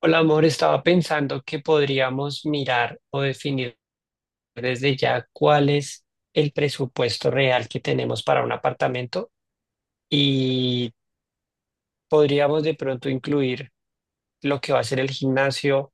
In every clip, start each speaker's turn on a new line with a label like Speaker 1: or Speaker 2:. Speaker 1: Hola, amor, estaba pensando que podríamos mirar o definir desde ya cuál es el presupuesto real que tenemos para un apartamento y podríamos de pronto incluir lo que va a ser el gimnasio,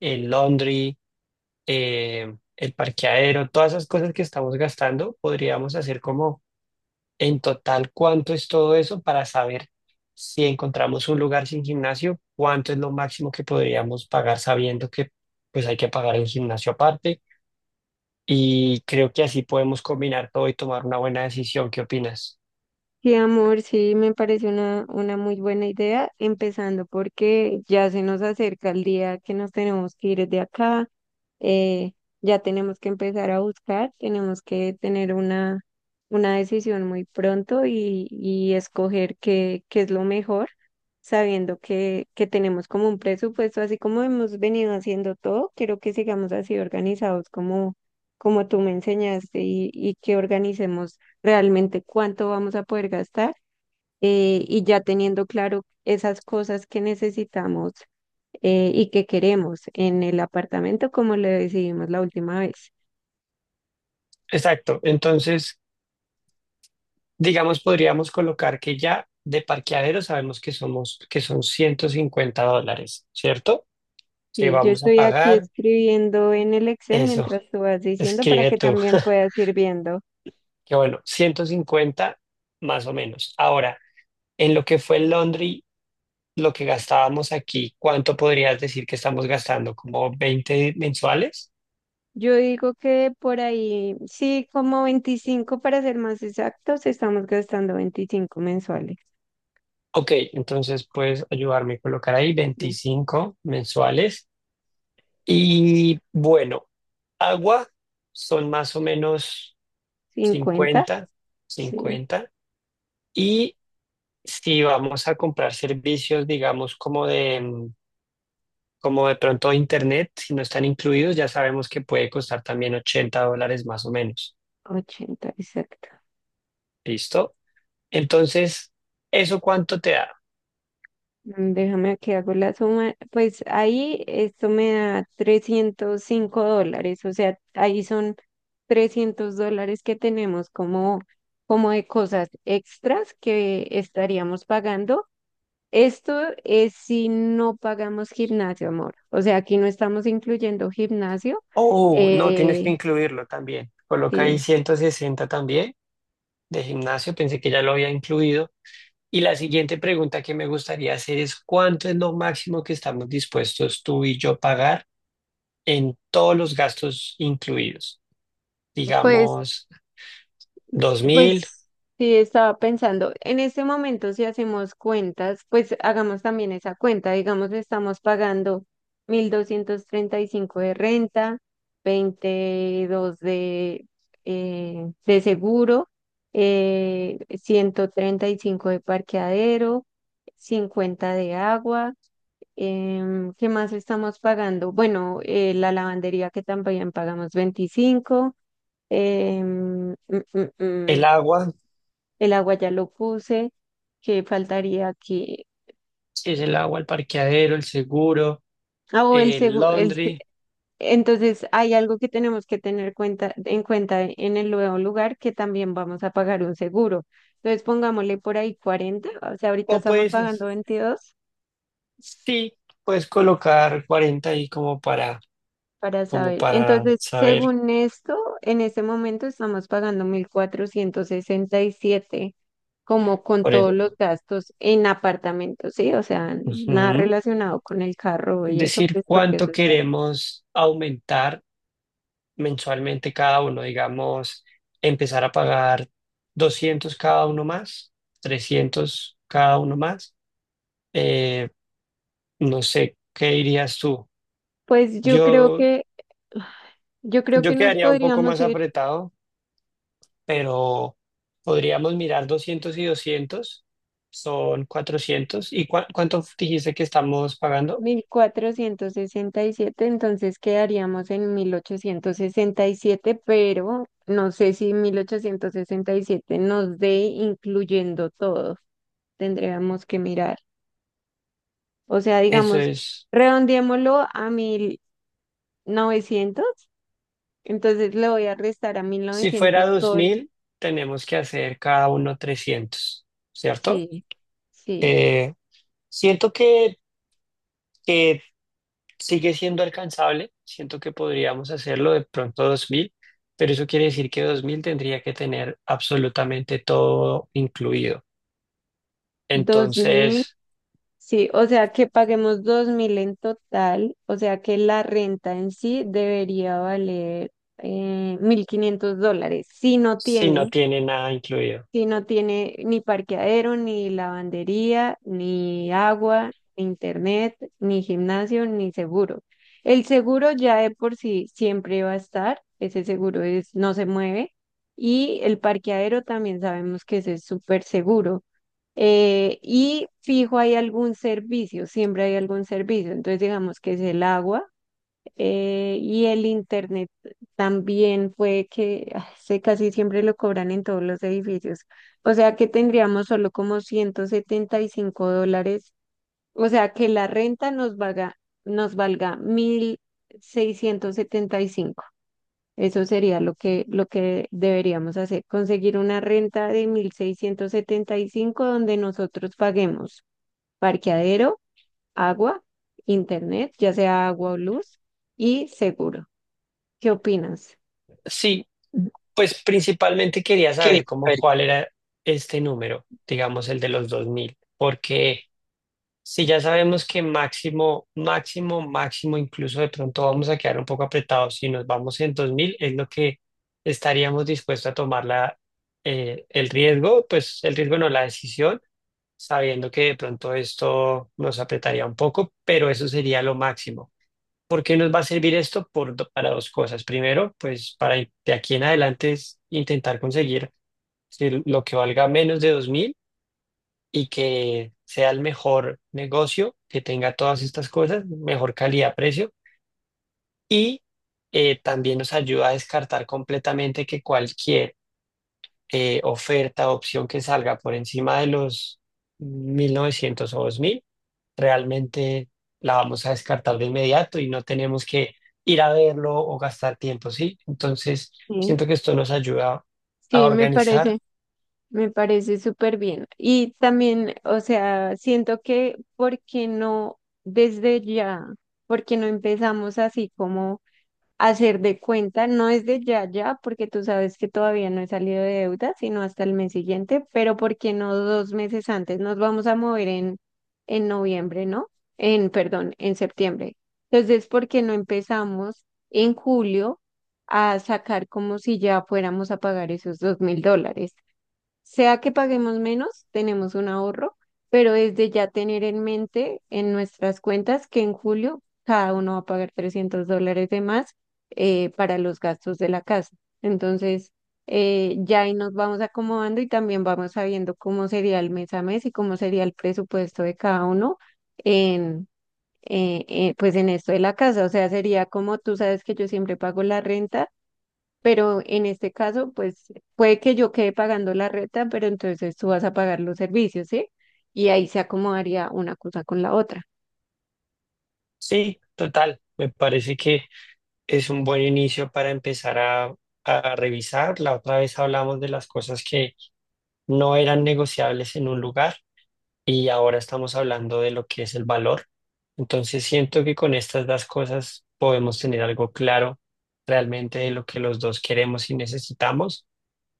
Speaker 1: el laundry, el parqueadero, todas esas cosas que estamos gastando, podríamos hacer como. En total, ¿cuánto es todo eso para saber si encontramos un lugar sin gimnasio? ¿Cuánto es lo máximo que podríamos pagar sabiendo que pues hay que pagar el gimnasio aparte? Y creo que así podemos combinar todo y tomar una buena decisión. ¿Qué opinas?
Speaker 2: Sí, amor, sí, me parece una muy buena idea, empezando porque ya se nos acerca el día que nos tenemos que ir de acá. eh, ya tenemos que empezar a buscar, tenemos que tener una decisión muy pronto, y escoger qué es lo mejor, sabiendo que tenemos como un presupuesto, así como hemos venido haciendo todo. Quiero que sigamos así organizados, como, como tú me enseñaste, y que organicemos realmente cuánto vamos a poder gastar. Y ya teniendo claro esas cosas que necesitamos y que queremos en el apartamento, como lo decidimos la última vez.
Speaker 1: Exacto. Entonces, digamos, podríamos colocar que ya de parqueadero sabemos que somos, que son $150, ¿cierto? Que
Speaker 2: Sí, yo
Speaker 1: vamos a
Speaker 2: estoy aquí
Speaker 1: pagar
Speaker 2: escribiendo en el Excel
Speaker 1: eso.
Speaker 2: mientras tú vas diciendo para
Speaker 1: Escribe
Speaker 2: que
Speaker 1: tú.
Speaker 2: también puedas ir viendo.
Speaker 1: Que bueno, 150 más o menos. Ahora, en lo que fue en Londres, lo que gastábamos aquí, ¿cuánto podrías decir que estamos gastando? ¿Como 20 mensuales?
Speaker 2: Yo digo que por ahí, sí, como 25 para ser más exactos, estamos gastando 25 mensuales.
Speaker 1: Ok, entonces puedes ayudarme a colocar ahí
Speaker 2: Sí.
Speaker 1: 25 mensuales. Y bueno, agua son más o menos
Speaker 2: 50,
Speaker 1: 50,
Speaker 2: sí,
Speaker 1: 50. Y si vamos a comprar servicios, digamos, como de pronto internet, si no están incluidos, ya sabemos que puede costar también $80 más o menos.
Speaker 2: 80 exacto.
Speaker 1: ¿Listo? Entonces, ¿eso cuánto te da?
Speaker 2: Déjame que hago la suma. Pues ahí esto me da $305, o sea, ahí son $300 que tenemos como, como de cosas extras que estaríamos pagando. Esto es si no pagamos gimnasio, amor. O sea, aquí no estamos incluyendo gimnasio.
Speaker 1: Oh, no, tienes que
Speaker 2: Eh,
Speaker 1: incluirlo también. Coloca ahí
Speaker 2: sí.
Speaker 1: 160 también de gimnasio, pensé que ya lo había incluido. Y la siguiente pregunta que me gustaría hacer es, ¿cuánto es lo máximo que estamos dispuestos tú y yo pagar en todos los gastos incluidos?
Speaker 2: Pues
Speaker 1: Digamos, 2000.
Speaker 2: Pues sí, estaba pensando, en este momento si hacemos cuentas, pues hagamos también esa cuenta, digamos, estamos pagando 1,235 de renta, 22 de seguro, 135 de parqueadero, 50 de agua, ¿qué más estamos pagando? Bueno, la lavandería que también pagamos 25. Eh,
Speaker 1: El agua,
Speaker 2: el agua ya lo puse, que faltaría que...
Speaker 1: si es el agua, el parqueadero, el seguro,
Speaker 2: Ah, o el
Speaker 1: el
Speaker 2: segu- el se-
Speaker 1: laundry,
Speaker 2: Entonces hay algo que tenemos que tener cuenta, en cuenta en el nuevo lugar que también vamos a pagar un seguro. Entonces pongámosle por ahí 40, o sea, ahorita
Speaker 1: o
Speaker 2: estamos
Speaker 1: pues
Speaker 2: pagando 22
Speaker 1: sí, puedes colocar 40 ahí como para
Speaker 2: para
Speaker 1: como
Speaker 2: saber.
Speaker 1: para
Speaker 2: Entonces,
Speaker 1: saber
Speaker 2: según esto, en este momento estamos pagando 1,467 como con
Speaker 1: por
Speaker 2: todos los
Speaker 1: eso.
Speaker 2: gastos en apartamentos, ¿sí? O sea, nada
Speaker 1: Ujú.
Speaker 2: relacionado con el carro
Speaker 1: Es
Speaker 2: y eso,
Speaker 1: decir,
Speaker 2: pues porque eso
Speaker 1: cuánto queremos aumentar mensualmente cada uno, digamos, empezar a pagar 200 cada uno más, 300 cada uno más. Eh, no sé, ¿qué dirías tú?
Speaker 2: Pues yo creo
Speaker 1: Yo,
Speaker 2: que, yo creo
Speaker 1: yo
Speaker 2: que nos
Speaker 1: quedaría un poco
Speaker 2: podríamos
Speaker 1: más
Speaker 2: ir
Speaker 1: apretado, pero podríamos mirar 200 y 200 son 400. ¿Y cuánto dijiste que estamos pagando?
Speaker 2: 1,467, entonces quedaríamos en 1,867, pero no sé si 1,867 nos dé incluyendo todo. Tendríamos que mirar. O sea,
Speaker 1: Eso
Speaker 2: digamos,
Speaker 1: es.
Speaker 2: redondeémoslo a 1,900, entonces le voy a restar a mil
Speaker 1: Si
Speaker 2: novecientos
Speaker 1: fuera
Speaker 2: sol.
Speaker 1: 2000, tenemos que hacer cada uno 300, ¿cierto?
Speaker 2: Sí, sí.
Speaker 1: Eh, siento que sigue siendo alcanzable, siento que podríamos hacerlo de pronto 2000, pero eso quiere decir que 2000 tendría que tener absolutamente todo incluido. Entonces,
Speaker 2: Sí, o sea que paguemos 2,000 en total, o sea que la renta en sí debería valer $1,500. Si no
Speaker 1: si no
Speaker 2: tiene,
Speaker 1: tiene nada incluido.
Speaker 2: si no tiene ni parqueadero, ni lavandería, ni agua, ni internet, ni gimnasio, ni seguro. El seguro ya de por sí siempre va a estar, ese seguro es, no se mueve, y el parqueadero también sabemos que ese es súper seguro. Y fijo hay algún servicio, siempre hay algún servicio. Entonces digamos que es el agua y el internet también fue que ese casi siempre lo cobran en todos los edificios. O sea que tendríamos solo como 175 dólares. O sea que la renta nos valga 1,675, eso sería lo que deberíamos hacer, conseguir una renta de 1,675 donde nosotros paguemos parqueadero, agua, internet, ya sea agua o luz, y seguro. ¿Qué opinas?
Speaker 1: Sí, pues principalmente quería
Speaker 2: Qué
Speaker 1: saber cómo
Speaker 2: nivel.
Speaker 1: cuál era este número, digamos el de los 2000, porque... Si ya sabemos que máximo, máximo, máximo, incluso de pronto vamos a quedar un poco apretados, si nos vamos en 2000 es lo que estaríamos dispuestos a tomar la, el riesgo, pues el riesgo no, la decisión, sabiendo que de pronto esto nos apretaría un poco, pero eso sería lo máximo. ¿Por qué nos va a servir esto? Por, para dos cosas. Primero, pues para de aquí en adelante es intentar conseguir si lo que valga menos de 2.000 y que sea el mejor negocio, que tenga todas estas cosas, mejor calidad-precio y también nos ayuda a descartar completamente que cualquier oferta o opción que salga por encima de los 1900 o 2000 realmente la vamos a descartar de inmediato y no tenemos que ir a verlo o gastar tiempo, ¿sí? Entonces,
Speaker 2: Sí,
Speaker 1: siento que esto nos ayuda a
Speaker 2: sí, me
Speaker 1: organizar.
Speaker 2: parece, me parece súper bien. Y también, o sea, siento que, ¿por qué no desde ya? ¿Por qué no empezamos así como hacer de cuenta, no es de ya, ya, porque tú sabes que todavía no he salido de deuda, sino hasta el mes siguiente, pero ¿por qué no dos meses antes? Nos vamos a mover en, noviembre, ¿no? En, perdón, en septiembre. Entonces, ¿por qué no empezamos en julio a sacar como si ya fuéramos a pagar esos $2,000? Sea que paguemos menos, tenemos un ahorro, pero es de ya tener en mente en nuestras cuentas que en julio cada uno va a pagar $300 de más para los gastos de la casa. Entonces, ya ahí nos vamos acomodando y también vamos sabiendo cómo sería el mes a mes y cómo sería el presupuesto de cada uno en, pues en esto de la casa. O sea, sería como tú sabes que yo siempre pago la renta, pero en este caso, pues puede que yo quede pagando la renta, pero entonces tú vas a pagar los servicios, ¿sí? Y ahí se acomodaría una cosa con la otra.
Speaker 1: Sí, total, me parece que es un buen inicio para empezar a revisar. La otra vez hablamos de las cosas que no eran negociables en un lugar y ahora estamos hablando de lo que es el valor. Entonces siento que con estas dos cosas podemos tener algo claro realmente de lo que los dos queremos y necesitamos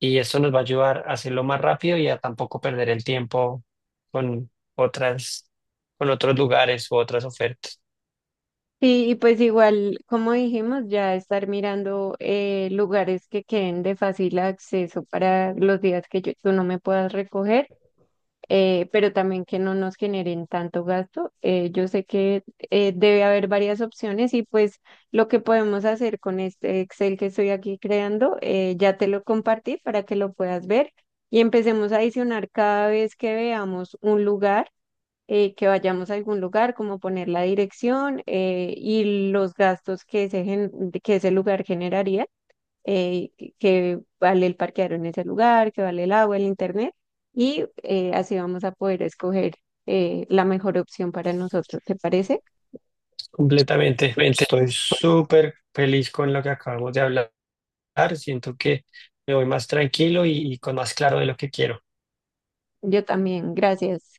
Speaker 1: y eso nos va a ayudar a hacerlo más rápido y a tampoco perder el tiempo con otras, con otros lugares u otras ofertas.
Speaker 2: Y pues igual, como dijimos, ya estar mirando lugares que queden de fácil acceso para los días que yo, tú no me puedas recoger, pero también que no nos generen tanto gasto. Yo sé que debe haber varias opciones, y pues lo que podemos hacer con este Excel que estoy aquí creando, ya te lo compartí para que lo puedas ver y empecemos a adicionar cada vez que veamos un lugar. Que vayamos a algún lugar, como poner la dirección, y los gastos que ese, que ese lugar generaría, que vale el parquear en ese lugar, que vale el agua, el internet, y así vamos a poder escoger la mejor opción para nosotros, ¿te parece?
Speaker 1: Completamente.
Speaker 2: Ente-
Speaker 1: Estoy súper feliz con lo que acabamos de hablar. Siento que me voy más tranquilo y con más claro de lo que quiero.
Speaker 2: Yo también, gracias.